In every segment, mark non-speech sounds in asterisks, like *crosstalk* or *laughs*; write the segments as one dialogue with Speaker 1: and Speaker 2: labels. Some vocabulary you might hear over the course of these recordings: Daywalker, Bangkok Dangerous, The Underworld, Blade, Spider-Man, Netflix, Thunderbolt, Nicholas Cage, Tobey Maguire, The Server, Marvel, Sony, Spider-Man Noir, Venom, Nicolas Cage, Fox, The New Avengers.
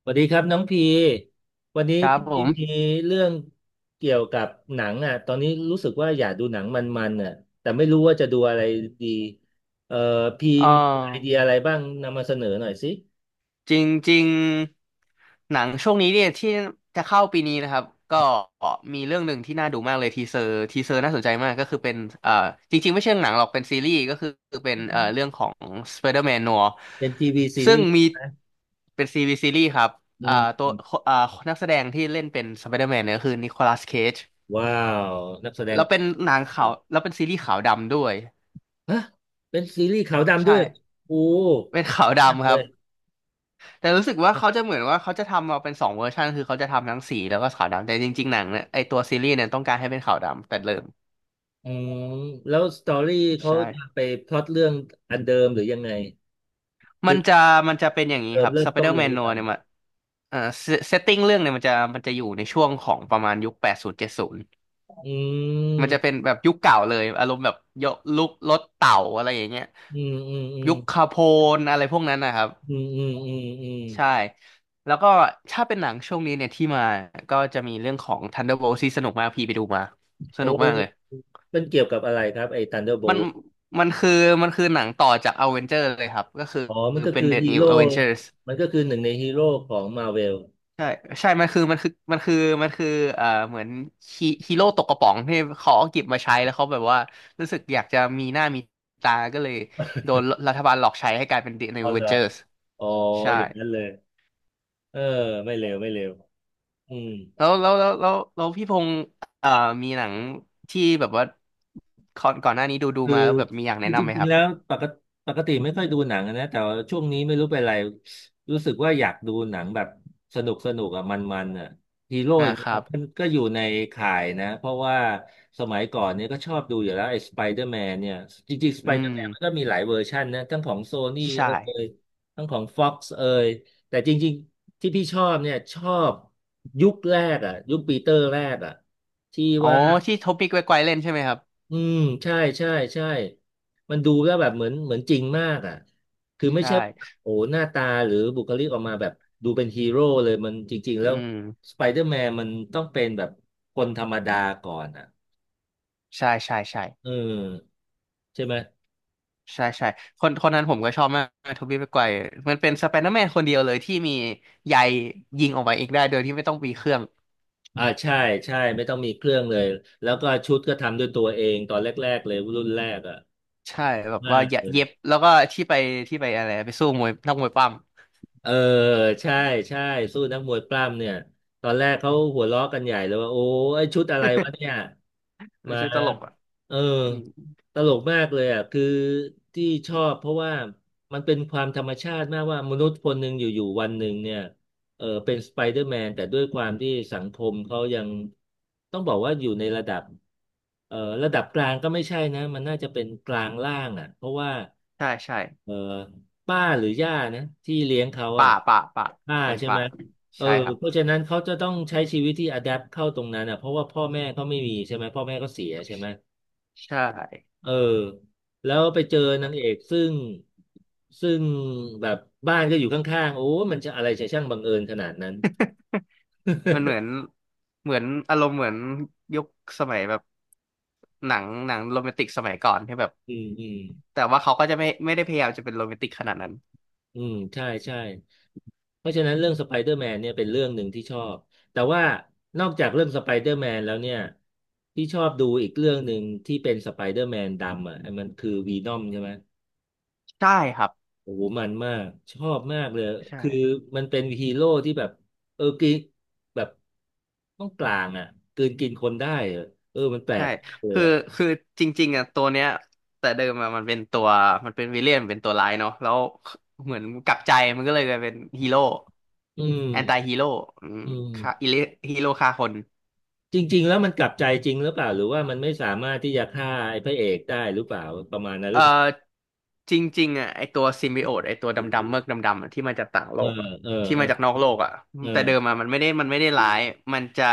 Speaker 1: สวัสดีครับน้องพี วันนี้
Speaker 2: ครับ
Speaker 1: พี่
Speaker 2: ผ
Speaker 1: มี
Speaker 2: ม
Speaker 1: เรื่องเกี่ยวกับหนังอ่ะตอนนี้รู้สึกว่าอยากดูหนังมันๆอ่ะแต่ไม่รู้ว่าจะดูอะไรดีเอ่อพี่
Speaker 2: เอ
Speaker 1: มีไอเดีย
Speaker 2: อ
Speaker 1: อะไรบ้างนำมาเสนอหน่อยสิ
Speaker 2: จริงๆหนังช่วงนี้เนี่ยที่จะเข้าปีนี้นะครับก็มีเรื่องหนึ่งที่น่าดูมากเลยทีเซอร์น่าสนใจมากก็คือเป็นเอ่อจริงๆไม่ใช่หนังหรอกเป็นซีรีส์ก็คือเป็นเรื่องของ Spider-Man Noir
Speaker 1: เป็นทีวีซี
Speaker 2: ซึ่ง
Speaker 1: รีส์
Speaker 2: มี
Speaker 1: ใช่ไหม
Speaker 2: เป็นซีรีส์ครับ
Speaker 1: อื
Speaker 2: เอ่อตัว
Speaker 1: ม
Speaker 2: เอ่อนักแสดงที่เล่นเป็น Spider-Man เนี่ยก็คือนิโคลัสเคจ
Speaker 1: ว้าวนักแสดง
Speaker 2: แล้วเป็นหนังขาวแล้วเป็นซีรีส์ขาวดำด้วย
Speaker 1: ฮะเป็นซีรีส์ขาวดำด้
Speaker 2: ใช่
Speaker 1: วยโอ้
Speaker 2: เป็นขาว
Speaker 1: มาก
Speaker 2: ดำค
Speaker 1: เล
Speaker 2: รับ
Speaker 1: ย
Speaker 2: แต่รู้สึกว่าเขาจะเหมือนว่าเขาจะทำมาเป็นสองเวอร์ชันคือเขาจะทำทั้งสีแล้วก็ขาวดำแต่จริงๆหนังเนี่ยไอตัวซีรีส์เนี่ยต้องการให้เป็นขาวดำแต่เริ่ม
Speaker 1: อืมแล้วสตอรี่เขา
Speaker 2: ใช่
Speaker 1: จะไปพล็อตเรื่องอันเดิมหรือยังไง
Speaker 2: มั
Speaker 1: คื
Speaker 2: น
Speaker 1: อ
Speaker 2: จะมันจะเป็นอย่างนี้
Speaker 1: เดิ
Speaker 2: ค
Speaker 1: ม
Speaker 2: รับ
Speaker 1: เริ่
Speaker 2: ส
Speaker 1: ม
Speaker 2: ไป
Speaker 1: ต้
Speaker 2: เด
Speaker 1: น
Speaker 2: อร์
Speaker 1: เล
Speaker 2: แม
Speaker 1: ย
Speaker 2: น
Speaker 1: หรื
Speaker 2: โน
Speaker 1: อเปล่า
Speaker 2: เนี่ยมันเอ่อเซตติ้งเรื่องเนี่ยมันจะอยู่ในช่วงของประมาณยุค8070
Speaker 1: อื
Speaker 2: มันจะเป็น
Speaker 1: ม
Speaker 2: แบบยุคเก่าเลยอารมณ์แบบยกลุกรถเต่าอะไรอย่างเงี้ย
Speaker 1: อืมอืมอืม
Speaker 2: ยุคคาโพนอะไรพวกนั้นนะครับ
Speaker 1: อืมอืมอืมอืม
Speaker 2: ใช่ แล้วก็ถ้าเป็นหนังช่วงนี้เนี่ยที่มาก็จะมีเรื่องของ Thunderbolt ที่สนุกมากพี่ไปดูมา ส
Speaker 1: โอ
Speaker 2: นุกมากเลย
Speaker 1: ้มันเกี่ยวกับอะไรครับไอ้
Speaker 2: มัน
Speaker 1: Thunderbolt
Speaker 2: มันคือมันคือหนังต่อจาก Avenger เลยครับ ก็คือ
Speaker 1: อ๋อมันก็
Speaker 2: เป็น
Speaker 1: คือ
Speaker 2: The
Speaker 1: ฮี
Speaker 2: New
Speaker 1: โร่
Speaker 2: Avengers
Speaker 1: มันก็คือหนึ่งในฮีโร่ของมาเวล
Speaker 2: ใช่ใช่มันคือเหมือนฮีโร่ตกกระป๋องที่เขาเอาเก็บมาใช้แล้วเขาแบบว่ารู้สึกอยากจะมีหน้ามีตา ก็เลยโดนรัฐบาลหลอกใช้ให้กลายเป็น The
Speaker 1: อ๋
Speaker 2: New
Speaker 1: อเหรอ
Speaker 2: Avengers
Speaker 1: อ๋อ
Speaker 2: ใช่
Speaker 1: อย่างนั้นเลยเออไม่เลวไม่เลวอืม
Speaker 2: แล้วพี่พงษ์เอ่อมีหนังที่แบบว่าก่อนหน้านี้ดู
Speaker 1: คือ
Speaker 2: มาแล้วแบบมีอยาก
Speaker 1: คื
Speaker 2: แนะ
Speaker 1: อจ
Speaker 2: นำไหม
Speaker 1: ริ
Speaker 2: ค
Speaker 1: งๆ
Speaker 2: รับ
Speaker 1: แล้วปกติปกติไม่ค่อยดูหนังอะนะแต่ว่าช่วงนี้ไม่รู้เป็นไรรู้สึกว่าอยากดูหนังแบบสนุกสนุกอะมันๆอะฮีโร่อย่า
Speaker 2: นะ
Speaker 1: ง
Speaker 2: ค
Speaker 1: เงี้ย
Speaker 2: รับ
Speaker 1: มันก็อยู่ในข่ายนะเพราะว่าสมัยก่อนเนี่ยก็ชอบดูอยู่แล้วไอ้สไปเดอร์แมนเนี่ยจริงๆสไป
Speaker 2: อื
Speaker 1: เดอ
Speaker 2: ม
Speaker 1: ร์แมนมันก็มีหลายเวอร์ชันนะทั้งของโซนี่
Speaker 2: ใช
Speaker 1: เอ่ย
Speaker 2: ่
Speaker 1: ทั้งของฟ็อกซ์เอ่ยแต่จริงๆที่พี่ชอบเนี่ยชอบยุคแรกอะยุคปีเตอร์แรกอะที่
Speaker 2: อ๋อ
Speaker 1: ว่า
Speaker 2: ที่โทปิกไวไกวเล่นใช่ไหมครับ
Speaker 1: อืมใช่ใช่ใช่มันดูแล้วแบบเหมือนเหมือนจริงมากอ่ะคือ
Speaker 2: ใช
Speaker 1: ไม่ใช่ว่า
Speaker 2: ่
Speaker 1: โอ้หน้าตาหรือบุคลิกออกมาแบบดูเป็นฮีโร่เลยมันจริงๆ
Speaker 2: อื
Speaker 1: แล้ว
Speaker 2: ม
Speaker 1: สไปเดอร์แมนมันต้องเป็นแบบคนธรรมดาก่อนอ่ะ
Speaker 2: ใช่ใช่ใช่
Speaker 1: เออใช่ไหม
Speaker 2: ใช่ใช่คนคนนั้นผมก็ชอบมากโทบี้ไปไกวร์มันเป็นสไปเดอร์แมนคนเดียวเลยที่มีใยยิงออกมาเองได้โดยที่ไม่ต้องมีเครื่อง
Speaker 1: อ่าใช่ใช่ไม่ต้องมีเครื่องเลยแล้วก็ชุดก็ทำด้วยตัวเองตอนแรกๆเลยรุ่นแรกอ่ะ
Speaker 2: ใช่แบบว่า
Speaker 1: มาก
Speaker 2: เย
Speaker 1: เลย
Speaker 2: เย็บแล้วก็ที่ไปอะไรไปสู้มวยนักมวยปั้ม
Speaker 1: เออใช่ใช่สู้นักมวยปล้ำเนี่ยตอนแรกเขาหัวเราะกันใหญ่เลยว่าโอ้ไอ้ชุดอะไรวะเนี่ย
Speaker 2: ัน
Speaker 1: มา
Speaker 2: ชื่อตลกอ่ะ
Speaker 1: เออ
Speaker 2: อืม
Speaker 1: ตลกมากเลยอ่ะ คือที่ชอบเพราะว่ามันเป็นความธรรมชาติมากว่ามนุษย์คนหนึ่งอยู่ๆวันหนึ่งเนี่ยเออเป็นสไปเดอร์แมนแต่ด้วยความที่สังคมเขายังต้องบอกว่าอยู่ในระดับเออระดับกลางก็ไม่ใช่นะมันน่าจะเป็นกลางล่างอ่ะเพราะว่า
Speaker 2: ใช่ใช่
Speaker 1: เออป้าหรือย่านะที่เลี้ยงเขา
Speaker 2: ป่า
Speaker 1: อ่ะ
Speaker 2: ป่าป่า
Speaker 1: ป้า
Speaker 2: เป็น
Speaker 1: ใช่ไห
Speaker 2: ป่า
Speaker 1: มเออ
Speaker 2: ใช่ครับ
Speaker 1: เพราะฉะนั้นเขาจะต้องใช้ชีวิตที่อะแดปเข้าตรงนั้นอ่ะเพราะว่าพ่อแม่เขาไม่มีใช่ไหมพ่อแม่ก็เขาเสียใช่ไหม
Speaker 2: ใช่
Speaker 1: เออแล้วไปเจอนางเอกซึ่งซึ่งแบบบ้านก็อยู่ข้างๆโอ้มันจะอะไรจะช่างบังเอิญขนาดนั้น
Speaker 2: มันเหมือน
Speaker 1: *laughs*
Speaker 2: เหมือนอารมณ์เหมือนยุคสมัยแบบหนังโรแมนติกสมัยก่อนที่แบบ
Speaker 1: อืมอืม
Speaker 2: แต่ว่าเขาก็จะไม่ได้พยายามจะเป็นโรแมนติกขนาดนั้น
Speaker 1: อืมใช่ใช่เพราะฉะนั้นเรื่องสไปเดอร์แมนเนี่ยเป็นเรื่องหนึ่งที่ชอบแต่ว่านอกจากเรื่องสไปเดอร์แมนแล้วเนี่ยที่ชอบดูอีกเรื่องหนึ่งที่เป็นสไปเดอร์แมนดำอ่ะมันคือวีนอมใช่ไหม
Speaker 2: ใช่ครับ
Speaker 1: โอ้โหมันมากชอบมากเลยคือ
Speaker 2: ใช่
Speaker 1: มันเป็นฮีโร่ที่แบบเออกินแบบต้องกลางอ่ะกลืนกินคนได้อะเออมันแปล
Speaker 2: ใช่
Speaker 1: กมากเลย
Speaker 2: คือ
Speaker 1: อ่ะ
Speaker 2: คือจริงๆอ่ะตัวเนี้ยแต่เดิมอะมันเป็นตัวมันเป็นวิลเลียนเป็นตัวร้ายเนาะแล้วเหมือนกลับใจมันก็เลยกลายเป็นฮีโร่
Speaker 1: อืม
Speaker 2: แอนตี้ฮีโร่อืม
Speaker 1: อืม
Speaker 2: ฆ่าฮีโร่ฆ่าคน
Speaker 1: จริงๆแล้วมันกลับใจจริงหรือเปล่าหรือว่ามันไม่สามารถที่จะฆ่าไอ้พระเอกได้หรือเปล่าประมาณนั้นหรื
Speaker 2: เอ่
Speaker 1: อเปล่า
Speaker 2: อจริงๆอ่ะไอตัวซิมบิโอตไอตัวดำๆเมือกดำๆอะที่มาจากต่างโล
Speaker 1: เออ
Speaker 2: กอ่ะ
Speaker 1: เออ
Speaker 2: ที่
Speaker 1: เออ
Speaker 2: มาจากนอกโลกอ่ะ
Speaker 1: เออ
Speaker 2: แต่เดิมอ่ะมันไม่ได้ร้ายมันจะ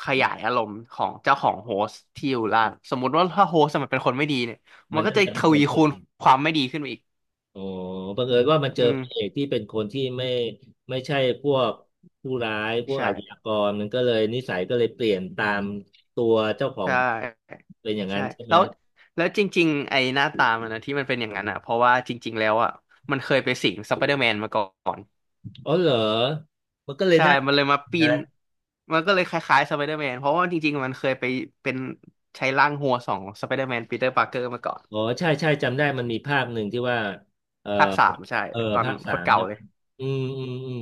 Speaker 2: ขยายอารมณ์ของเจ้าของโฮสต์ที่อยู่ล่างสมมุติว่าถ้าโฮสต์มันเป็นคนไม่ดีเนี่ยมั
Speaker 1: มั
Speaker 2: น
Speaker 1: น
Speaker 2: ก็
Speaker 1: ก็
Speaker 2: จะ
Speaker 1: จะ
Speaker 2: ท
Speaker 1: เป็นค
Speaker 2: วี
Speaker 1: น
Speaker 2: คูณความไม่ดีขึ้นมาอีก
Speaker 1: อ๋อบังเอิญว่ามันเจอ
Speaker 2: อื
Speaker 1: พระเอ
Speaker 2: ม
Speaker 1: กที่เป็นคนที่ไม่ไม่ใช่พวกผู้ร้ายพวกอา
Speaker 2: ใช่
Speaker 1: ชญากรมันก็เลยนิสัยก็เลยเปลี่ยนตามตัวเจ้าขอ
Speaker 2: ใช
Speaker 1: ง
Speaker 2: ่
Speaker 1: เป็นอย่างนั้
Speaker 2: ใช่
Speaker 1: นใช่ไหม
Speaker 2: แล้วแล้วจริงๆไอหน้าตามันนะที่มันเป็นอย่างนั้นอ่ะเพราะว่าจริงๆแล้วอ่ะมันเคยไปสิงสไปเดอร์แมนมาก่อน
Speaker 1: อ๋อเหรอมันก็เลย
Speaker 2: ใช่
Speaker 1: น่า
Speaker 2: มันเลยมาปี
Speaker 1: นะ
Speaker 2: น มันก็เลยคล้ายๆสไปเดอร์แมนเพราะว่าจริงๆมันเคยไปเป็นใช้ร่างหัวสองสไปเดอร์แมนปีเตอร์ปาร์เกอร์มาก่อน
Speaker 1: อ๋อใช่ใช่จำได้มันมีภาคหนึ่งที่ว่าเออ
Speaker 2: ภาค 3ใช่
Speaker 1: เออ
Speaker 2: ตอน
Speaker 1: ภาค
Speaker 2: โค
Speaker 1: สา
Speaker 2: ตร
Speaker 1: ม
Speaker 2: เก่า
Speaker 1: ใช่
Speaker 2: เล
Speaker 1: ไหม
Speaker 2: ย
Speaker 1: อืมอืมอืม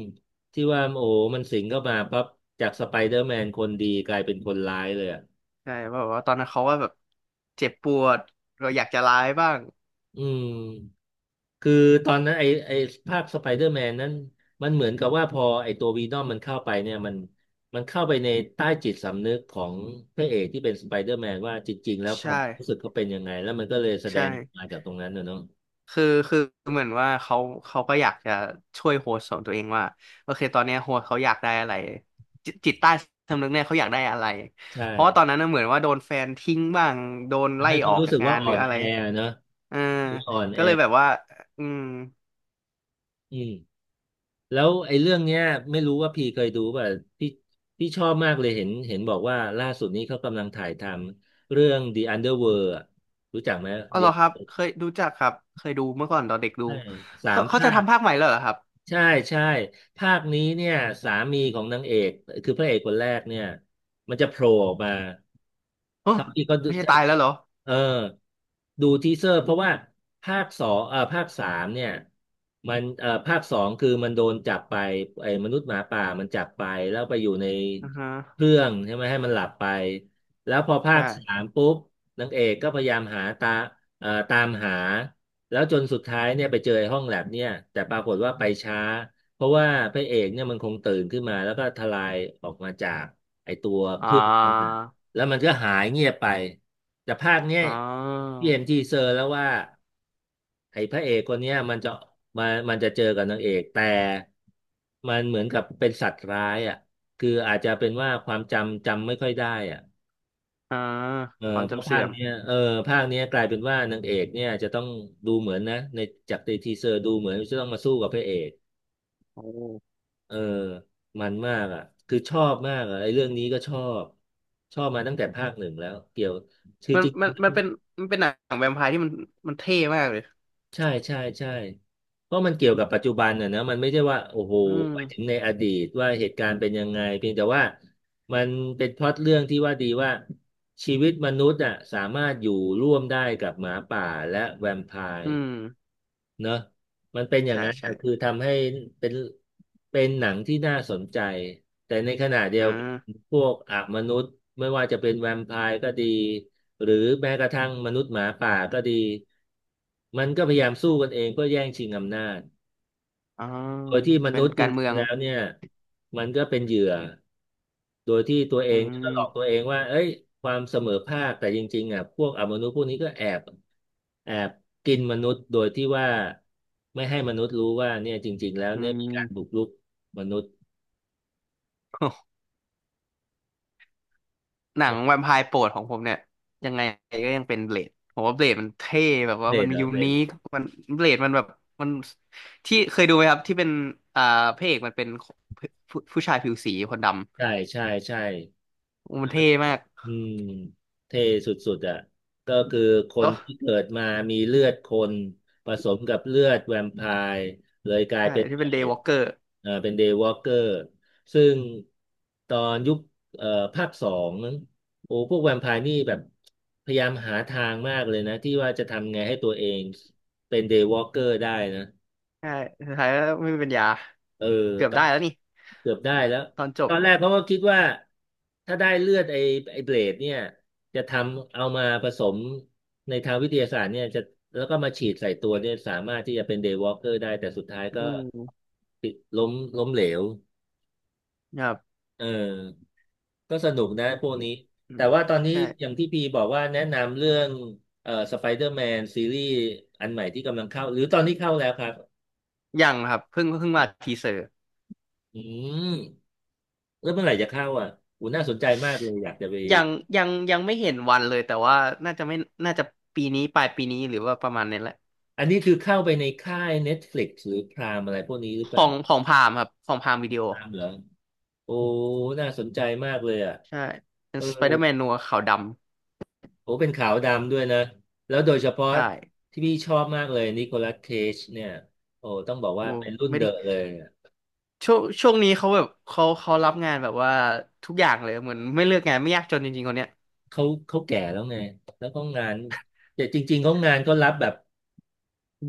Speaker 1: ที่ว่าโอ้มันสิงเข้ามาปั๊บจากสไปเดอร์แมนคนดีกลายเป็นคนร้ายเลยอ่ะ
Speaker 2: ใช่เพราะว่าตอนนั้นเขาว่าแบบเจ็บปวดเราอยากจะร้ายบ้าง
Speaker 1: อืม คือตอนนั้นไอภาคสไปเดอร์แมนนั้นมันเหมือนกับว่าพอไอตัววีนอมมันเข้าไปเนี่ยมันเข้าไปในใต้จิตสำนึกของพระเอกที่เป็นสไปเดอร์แมนว่าจริงๆแล้วค
Speaker 2: ใช่
Speaker 1: วามรู้สึกเขาเป็นยังไงแล้วมันก็เลยแสด
Speaker 2: ใช่
Speaker 1: งมาจากตรงนั้นน่ะเนาะ
Speaker 2: คือคือเหมือนว่าเขาก็อยากจะช่วยโฮสต์ของตัวเองว่าโอเคตอนเนี้ยโฮสต์เขาอยากได้อะไรจิตใต้สำนึกเนี่ยเขาอยากได้อะไร
Speaker 1: ใช่
Speaker 2: เพราะว่าตอนนั้นน่ะเหมือนว่าโดนแฟนทิ้งบ้างโดน
Speaker 1: ทำ
Speaker 2: ไล่
Speaker 1: ให้เขา
Speaker 2: ออก
Speaker 1: รู้
Speaker 2: จาก
Speaker 1: สึก
Speaker 2: งา
Speaker 1: ว่า
Speaker 2: นห
Speaker 1: อ่
Speaker 2: รื
Speaker 1: อ
Speaker 2: อ
Speaker 1: น
Speaker 2: อะ
Speaker 1: แอ
Speaker 2: ไร
Speaker 1: เนาะ
Speaker 2: เออ
Speaker 1: อ่อน
Speaker 2: ก็
Speaker 1: แอ
Speaker 2: เลยแบบว่าอืม
Speaker 1: อืมแล้วไอ้เรื่องเนี้ยไม่รู้ว่าพี่เคยดูป่ะพี่พี่ชอบมากเลยเห็นเห็นบอกว่าล่าสุดนี้เขากำลังถ่ายทำเรื่อง The Underworld อะรู้จักไหม
Speaker 2: อ๋อเหรอครับ
Speaker 1: The
Speaker 2: เคยรู้จักครับเคยดูเมื่อก่อนตอนเด็กดู
Speaker 1: ใช่สา
Speaker 2: เขา
Speaker 1: ม
Speaker 2: เขา
Speaker 1: ภา
Speaker 2: จะ
Speaker 1: ค
Speaker 2: ทำภาคใหม่แล้วเหรอครับ
Speaker 1: ใช่ใช่ภาคนี้เนี่ยสามีของนางเอกคือพระเอกคนแรกเนี่ยมันจะโผล่ออกมา
Speaker 2: โอ้
Speaker 1: ทำที่ก็ดู
Speaker 2: ไม่ใช่ตายแล้วเหรอ
Speaker 1: เออดูทีเซอร์เพราะว่าภาคสองภาคสามเนี่ยมันภาคสองคือมันโดนจับไปไอ้มนุษย์หมาป่ามันจับไปแล้วไปอยู่ใน
Speaker 2: อือฮะ
Speaker 1: เครื่องใช่ไหมให้มันหลับไปแล้วพอภาคสา
Speaker 2: ใช่
Speaker 1: มปุ๊บนางเอกก็พยายามหาตาตามหาแล้วจนสุดท้ายเนี่ยไปเจอไอ้ห้องแลบเนี่ยแต่ปรากฏว่าไปช้าเพราะว่าพระเอกเนี่ยมันคงตื่นขึ้นมาแล้วก็ทลายออกมาจากไอ้ตัวเค
Speaker 2: อ่
Speaker 1: รื่องนั้น
Speaker 2: า
Speaker 1: แล้วมันก็หายเงียบไปแต่ภาคเนี้ย
Speaker 2: อ๋อ
Speaker 1: พี่เห็นทีเซอร์แล้วว่าไอ้พระเอกคนเนี้ยมันจะมันจะเจอกับนางเอกแต่มันเหมือนกับเป็นสัตว์ร้ายอ่ะคืออาจจะเป็นว่าความจำจำไม่ค่อยได้อ่ะ
Speaker 2: อ่า
Speaker 1: เออ
Speaker 2: ความ
Speaker 1: เพราะ
Speaker 2: จำ
Speaker 1: ภา
Speaker 2: เสื่อ
Speaker 1: ค
Speaker 2: ม
Speaker 1: เนี้ยเออภาคเนี้ยกลายเป็นว่านางเอกเนี่ยจะต้องดูเหมือนนะในจากในทีเซอร์ดูเหมือนจะต้องมาสู้กับพระเอก
Speaker 2: โอ้
Speaker 1: เออมันมากอ่ะคือชอบมากอ่ะไอ้เรื่องนี้ก็ชอบชอบมาตั้งแต่ภาคหนึ่งแล้วเกี่ยวคือ
Speaker 2: มัน
Speaker 1: จริง
Speaker 2: มันมันเป็นมันเป็นหนังแวมไพร์ที่มันเท่มากเลย
Speaker 1: ใช่ใช่ใช่เพราะมันเกี่ยวกับปัจจุบันน่ะนะมันไม่ใช่ว่าโอ้โห
Speaker 2: อื
Speaker 1: ไป
Speaker 2: ม
Speaker 1: ถึงในอดีตว่าเหตุการณ์เป็นยังไงเพียงแต่ว่ามันเป็นพล็อตเรื่องที่ว่าดีว่าชีวิตมนุษย์อ่ะสามารถอยู่ร่วมได้กับหมาป่าและแวมไพ
Speaker 2: อื
Speaker 1: ร์
Speaker 2: ม
Speaker 1: เนอะมันเป็นอย่าง
Speaker 2: ใช่
Speaker 1: นั้น
Speaker 2: ใช่
Speaker 1: อะคือทำให้เป็นเป็นหนังที่น่าสนใจแต่ในขณะเดีย
Speaker 2: อ่
Speaker 1: วกัน
Speaker 2: า
Speaker 1: พวกอามนุษย์ไม่ว่าจะเป็นแวมไพร์ก็ดีหรือแม้กระทั่งมนุษย์หมาป่าก็ดีมันก็พยายามสู้กันเองเพื่อแย่งชิงอำนาจ
Speaker 2: อ๋อ
Speaker 1: โดยที่ม
Speaker 2: เป็
Speaker 1: นุ
Speaker 2: น
Speaker 1: ษย์จ
Speaker 2: การเมื
Speaker 1: ริง
Speaker 2: อ
Speaker 1: ๆ
Speaker 2: ง
Speaker 1: แล้วเนี่ยมันก็เป็นเหยื่อ โดยที่ตัวเอ
Speaker 2: อื
Speaker 1: งก็หล
Speaker 2: ม
Speaker 1: อกตัวเองว่าเอ้ยความเสมอภาค แต่จริงๆอ่ะพวกอมนุษย์พวกนี้ก็แอบแอบกินมนุษย์โดยที่ว่าไม่ให้มนุษย์รู้ว่าเนี่ยจริงๆ แล้ว
Speaker 2: อื
Speaker 1: เนี่ยมี
Speaker 2: ม
Speaker 1: การ
Speaker 2: *laughs*
Speaker 1: บุกรุกมนุษย์
Speaker 2: โอ้หนัง
Speaker 1: เนี่
Speaker 2: แวมไพร์โปรดของผมเนี่ยยังไงก็ยังเป็นเบลดผมว่าเบลดมันเท่แบบว่า
Speaker 1: ย
Speaker 2: มัน
Speaker 1: เหรอ
Speaker 2: ยู
Speaker 1: เป็น
Speaker 2: นิคมันเบลดมันแบบมันที่เคยดูไหมครับที่เป็นอ่าพระเอกมันเป็นผู้ชายผิวสีคนด
Speaker 1: ใช่ใช่ใช่
Speaker 2: ำมันเท่มาก
Speaker 1: อืมเท่สุดๆอ่ะก็คือค
Speaker 2: แล้
Speaker 1: น
Speaker 2: ว
Speaker 1: ที่เกิดมามีเลือดคนผสมกับเลือดแวมไพร์เลยกลาย
Speaker 2: ใช่
Speaker 1: เป็น
Speaker 2: ที่
Speaker 1: เปร
Speaker 2: เป็นเดย์
Speaker 1: ต
Speaker 2: วอล์กเกอร์
Speaker 1: เป็นเดย์วอล์กเกอร์ซึ่งตอนยุคเอ่อภาคสองโอ้พวกแวมไพร์นี่แบบพยายามหาทางมากเลยนะที่ว่าจะทำไงให้ตัวเองเป็นเดย์วอล์กเกอร์ได้นะ
Speaker 2: ใช่สุดท้ายก็ไม่มีปัญญา
Speaker 1: เออ
Speaker 2: เกือบ
Speaker 1: ตอ
Speaker 2: ได้
Speaker 1: น
Speaker 2: แล้วนี่
Speaker 1: เกือบได้แล้ว
Speaker 2: ตอนจ
Speaker 1: ต
Speaker 2: บ
Speaker 1: อนแรกเขาก็คิดว่าถ้าได้เลือดไอ้ไอ้เบลดเนี่ยจะทำเอามาผสมในทางวิทยาศาสตร์เนี่ยจะแล้วก็มาฉีดใส่ตัวเนี่ยสามารถที่จะเป็นเดย์วอล์กเกอร์ได้แต่สุดท้ายก็
Speaker 2: อืม
Speaker 1: ติดล้มล้มเหลว
Speaker 2: ครับ
Speaker 1: เออก็สนุกนะพวกนี้
Speaker 2: อื
Speaker 1: แต่
Speaker 2: ม
Speaker 1: ว่าตอนนี้
Speaker 2: ใช่
Speaker 1: อย่างที่พีบอกว่าแนะนำเรื่องสไปเดอร์แมนซีรีส์อันใหม่ที่กำลังเข้าหรือตอนนี้เข้าแล้วครับ
Speaker 2: ยังครับเพิ่งมาทีเซอร์
Speaker 1: อืม แล้วเมื่อไหร่จะเข้าอ่ะอูน่าสนใจมากเลย อยากจะไป
Speaker 2: ยังยังไม่เห็นวันเลยแต่ว่าน่าจะไม่น่าจะปีนี้ปลายปีนี้หรือว่าประมาณนี้แหละ
Speaker 1: อันนี้คือเข้าไปในค่าย Netflix หรือพรามอะไรพวกนี้หรื
Speaker 2: ข
Speaker 1: อเป
Speaker 2: อ
Speaker 1: ล่า
Speaker 2: งของพามครับของพามวิดีโอ
Speaker 1: พรามเหรอโอ้น่าสนใจมากเลยอ่ะ
Speaker 2: ใช่ เป็น
Speaker 1: เออ
Speaker 2: สไปเดอร์แมนนัวขาวด
Speaker 1: โอ้เป็นขาวดำด้วยนะ แล้วโดยเฉพาะ
Speaker 2: ำใช่
Speaker 1: ที่พี่ชอบมากเลยนิโคลัสเคจเนี่ยโอ้ต้องบอก
Speaker 2: โอ้
Speaker 1: ว่าเป็นรุ่น
Speaker 2: ไม่
Speaker 1: เด
Speaker 2: ได้
Speaker 1: อะเลยอะ
Speaker 2: ช่วงนี้เขาแบบเขารับงานแบบว่าทุกอย่างเลยเหมือนไม่เลือกงานไม่ยากจนจริงๆคนเนี้ย
Speaker 1: เขาเขาแก่แล้วไง แล้วเขางานแต่จริงๆเขางานก็รับแบบ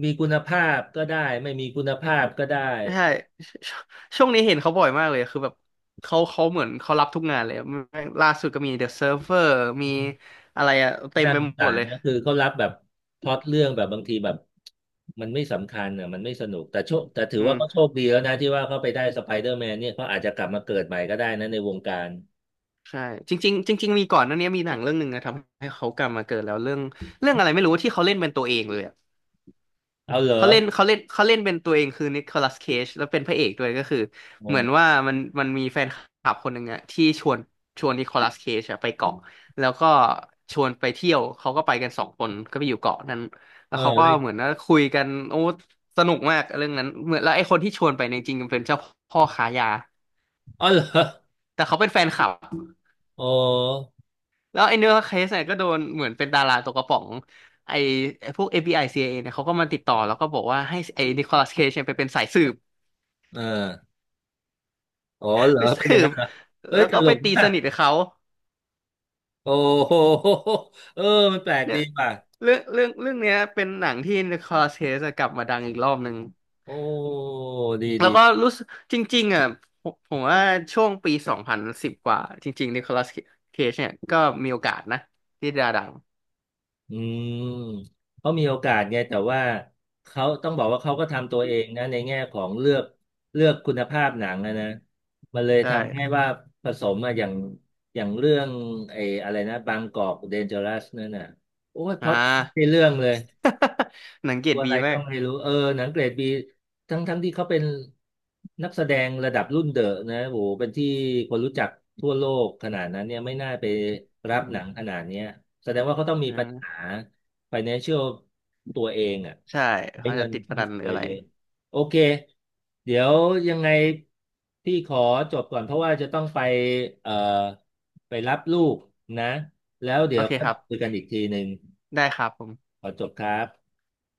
Speaker 1: มีคุณภาพก็ได้ ไม่มีคุณภาพก็ได้
Speaker 2: ใช่ *laughs* ชช่วงนี้เห็นเขาบ่อยมากเลยคือแบบเขาเหมือนเขารับทุกงานเลยแม่งล่าสุดก็มี The Server มีอะไรอะเต็ม
Speaker 1: น่า
Speaker 2: ไป
Speaker 1: สง
Speaker 2: ห
Speaker 1: สา
Speaker 2: มด
Speaker 1: ร
Speaker 2: เลย
Speaker 1: นะคือเขารับแบบพล็อตเรื่องแบบบางทีแบบมันไม่สำคัญอ่ะมันไม่สนุกแต่โชคแต่ถือ
Speaker 2: อื
Speaker 1: ว่า
Speaker 2: ม
Speaker 1: เขาโชคดีแล้วนะที่ว่าเขาไปได้สไปเดอร์แมนเนี่ยเขาอาจจะกลับมาเกิดใหม่ก็ได้นะในวงการ
Speaker 2: ใช่จริงๆจริงๆมีก่อนหนั้นเนี้ยมีหนังเรื่องหนึ่งนะทำให้เขากลับมาเกิดแล้วเรื่องอะไรไม่รู้ที่เขาเล่นเป็นตัวเองเลยอะ
Speaker 1: เอาเหรอ
Speaker 2: เขาเล่นเขาเล่นเขาเล่นเป็นตัวเองคือนิโคลัสเคจแล้วเป็นพระเอกด้วยก็คือ
Speaker 1: โอ้
Speaker 2: เหมือนว่ามันมีแฟนคลับคนหนึ่งอะที่ชวนนิโคลัสเคจอะไปเกาะแล้วก็ชวนไปเที่ยวเขาก็ไปกันสองคนก็ไปอยู่เกาะนั้นแล้
Speaker 1: เออ
Speaker 2: วเขาก็
Speaker 1: เลย
Speaker 2: เหมือนว่าคุยกันโอ้สนุกมากเรื่องนั้นเหมือนแล้วไอ้คนที่ชวนไปเนี่ยจริงๆเป็นเจ้าพ่อค้ายา
Speaker 1: อ๋อเหรอ
Speaker 2: แต่เขาเป็นแฟนคลับ
Speaker 1: โอ้
Speaker 2: แล้วไอ้เนื้อเคสเนี่ยก็โดนเหมือนเป็นดาราตกกระป๋องไอ้ไอ้พวก FBI c i อซีไอเอเนี่ยเขาก็มาติดต่อแล้วก็บอกว่าให้ไอ้นิโคลัสเคจเนี่ยไปเป็นสายสืบ
Speaker 1: เอออ๋อเหรอ
Speaker 2: ไป
Speaker 1: เป็นอ
Speaker 2: สื
Speaker 1: ย่างนั้
Speaker 2: บ
Speaker 1: นเหรอเอ้
Speaker 2: แล้
Speaker 1: ย
Speaker 2: ว
Speaker 1: ต
Speaker 2: ก็
Speaker 1: ล
Speaker 2: ไป
Speaker 1: ก
Speaker 2: ตี
Speaker 1: มา
Speaker 2: ส
Speaker 1: ก
Speaker 2: นิทกับเขา
Speaker 1: โอ้โหเออมันแปลก
Speaker 2: เนี่
Speaker 1: ดี
Speaker 2: ย
Speaker 1: ป่ะ
Speaker 2: เรื่องเนี้ยเป็นหนังที่ Nicolas Cage อะกลับมาดังอีกรอบหนึ่ง
Speaker 1: โอ้ดี
Speaker 2: แล้วก็
Speaker 1: ดี
Speaker 2: รู้สึกจริงๆอ่ะผมว่าช่วงปี2010กว่าจริงๆ Nicolas Cage เนี่ยก็มีโอกาสนะที่จะดัง
Speaker 1: อืมเขามีโอกาสไงแต่ว่าเขาต้องบอกว่าเขาก็ทำตัวเองนะในแง่ของเลือกเลือกคุณภาพหนังนะนะมันเลย
Speaker 2: ใช่
Speaker 1: ทำให้ว่าผสมอะอย่างอย่างเรื่องไอ้อะไรนะบางกอกเดนเจอรัสนั่นน่ะโอ้ยพ
Speaker 2: อ่า
Speaker 1: ล็อตไม่ใช่เรื่องเลย
Speaker 2: *laughs* หนังเกร
Speaker 1: ตั
Speaker 2: ด
Speaker 1: วอะ
Speaker 2: บี
Speaker 1: ไร
Speaker 2: มา
Speaker 1: ก็
Speaker 2: ก
Speaker 1: ไม่รู้เออหนังเกรดบีทั้งทั้งที่เขาเป็นนักแสดงระดับรุ่นเดอะนะโหเป็นที่คนรู้จักทั่วโลกขนาดนั้นเนี่ยไม่น่าไปรับ
Speaker 2: อื
Speaker 1: หนัง
Speaker 2: ม
Speaker 1: ขนาดเนี้ยแสดงว่าเขาต้องมีปัญหา
Speaker 2: อ่า
Speaker 1: financial ตัวเองอ่ะ
Speaker 2: ใช่
Speaker 1: ใช้
Speaker 2: เขา
Speaker 1: เงิ
Speaker 2: จะ
Speaker 1: น
Speaker 2: ติดพ
Speaker 1: ฟุ่ม
Speaker 2: นันหรื
Speaker 1: เฟื
Speaker 2: อ
Speaker 1: อย
Speaker 2: อะไร
Speaker 1: เยอะโอเคเดี๋ยวยังไงพี่ขอจบก่อนเพราะว่าจะต้องไปเอ่อไปรับลูกนะแล้วเดี๋
Speaker 2: โอ
Speaker 1: ยว
Speaker 2: เค
Speaker 1: ก็
Speaker 2: ครั
Speaker 1: มา
Speaker 2: บ
Speaker 1: คุยกันอีกทีหนึ่ง
Speaker 2: ได้ครับผม
Speaker 1: ขอจบครับ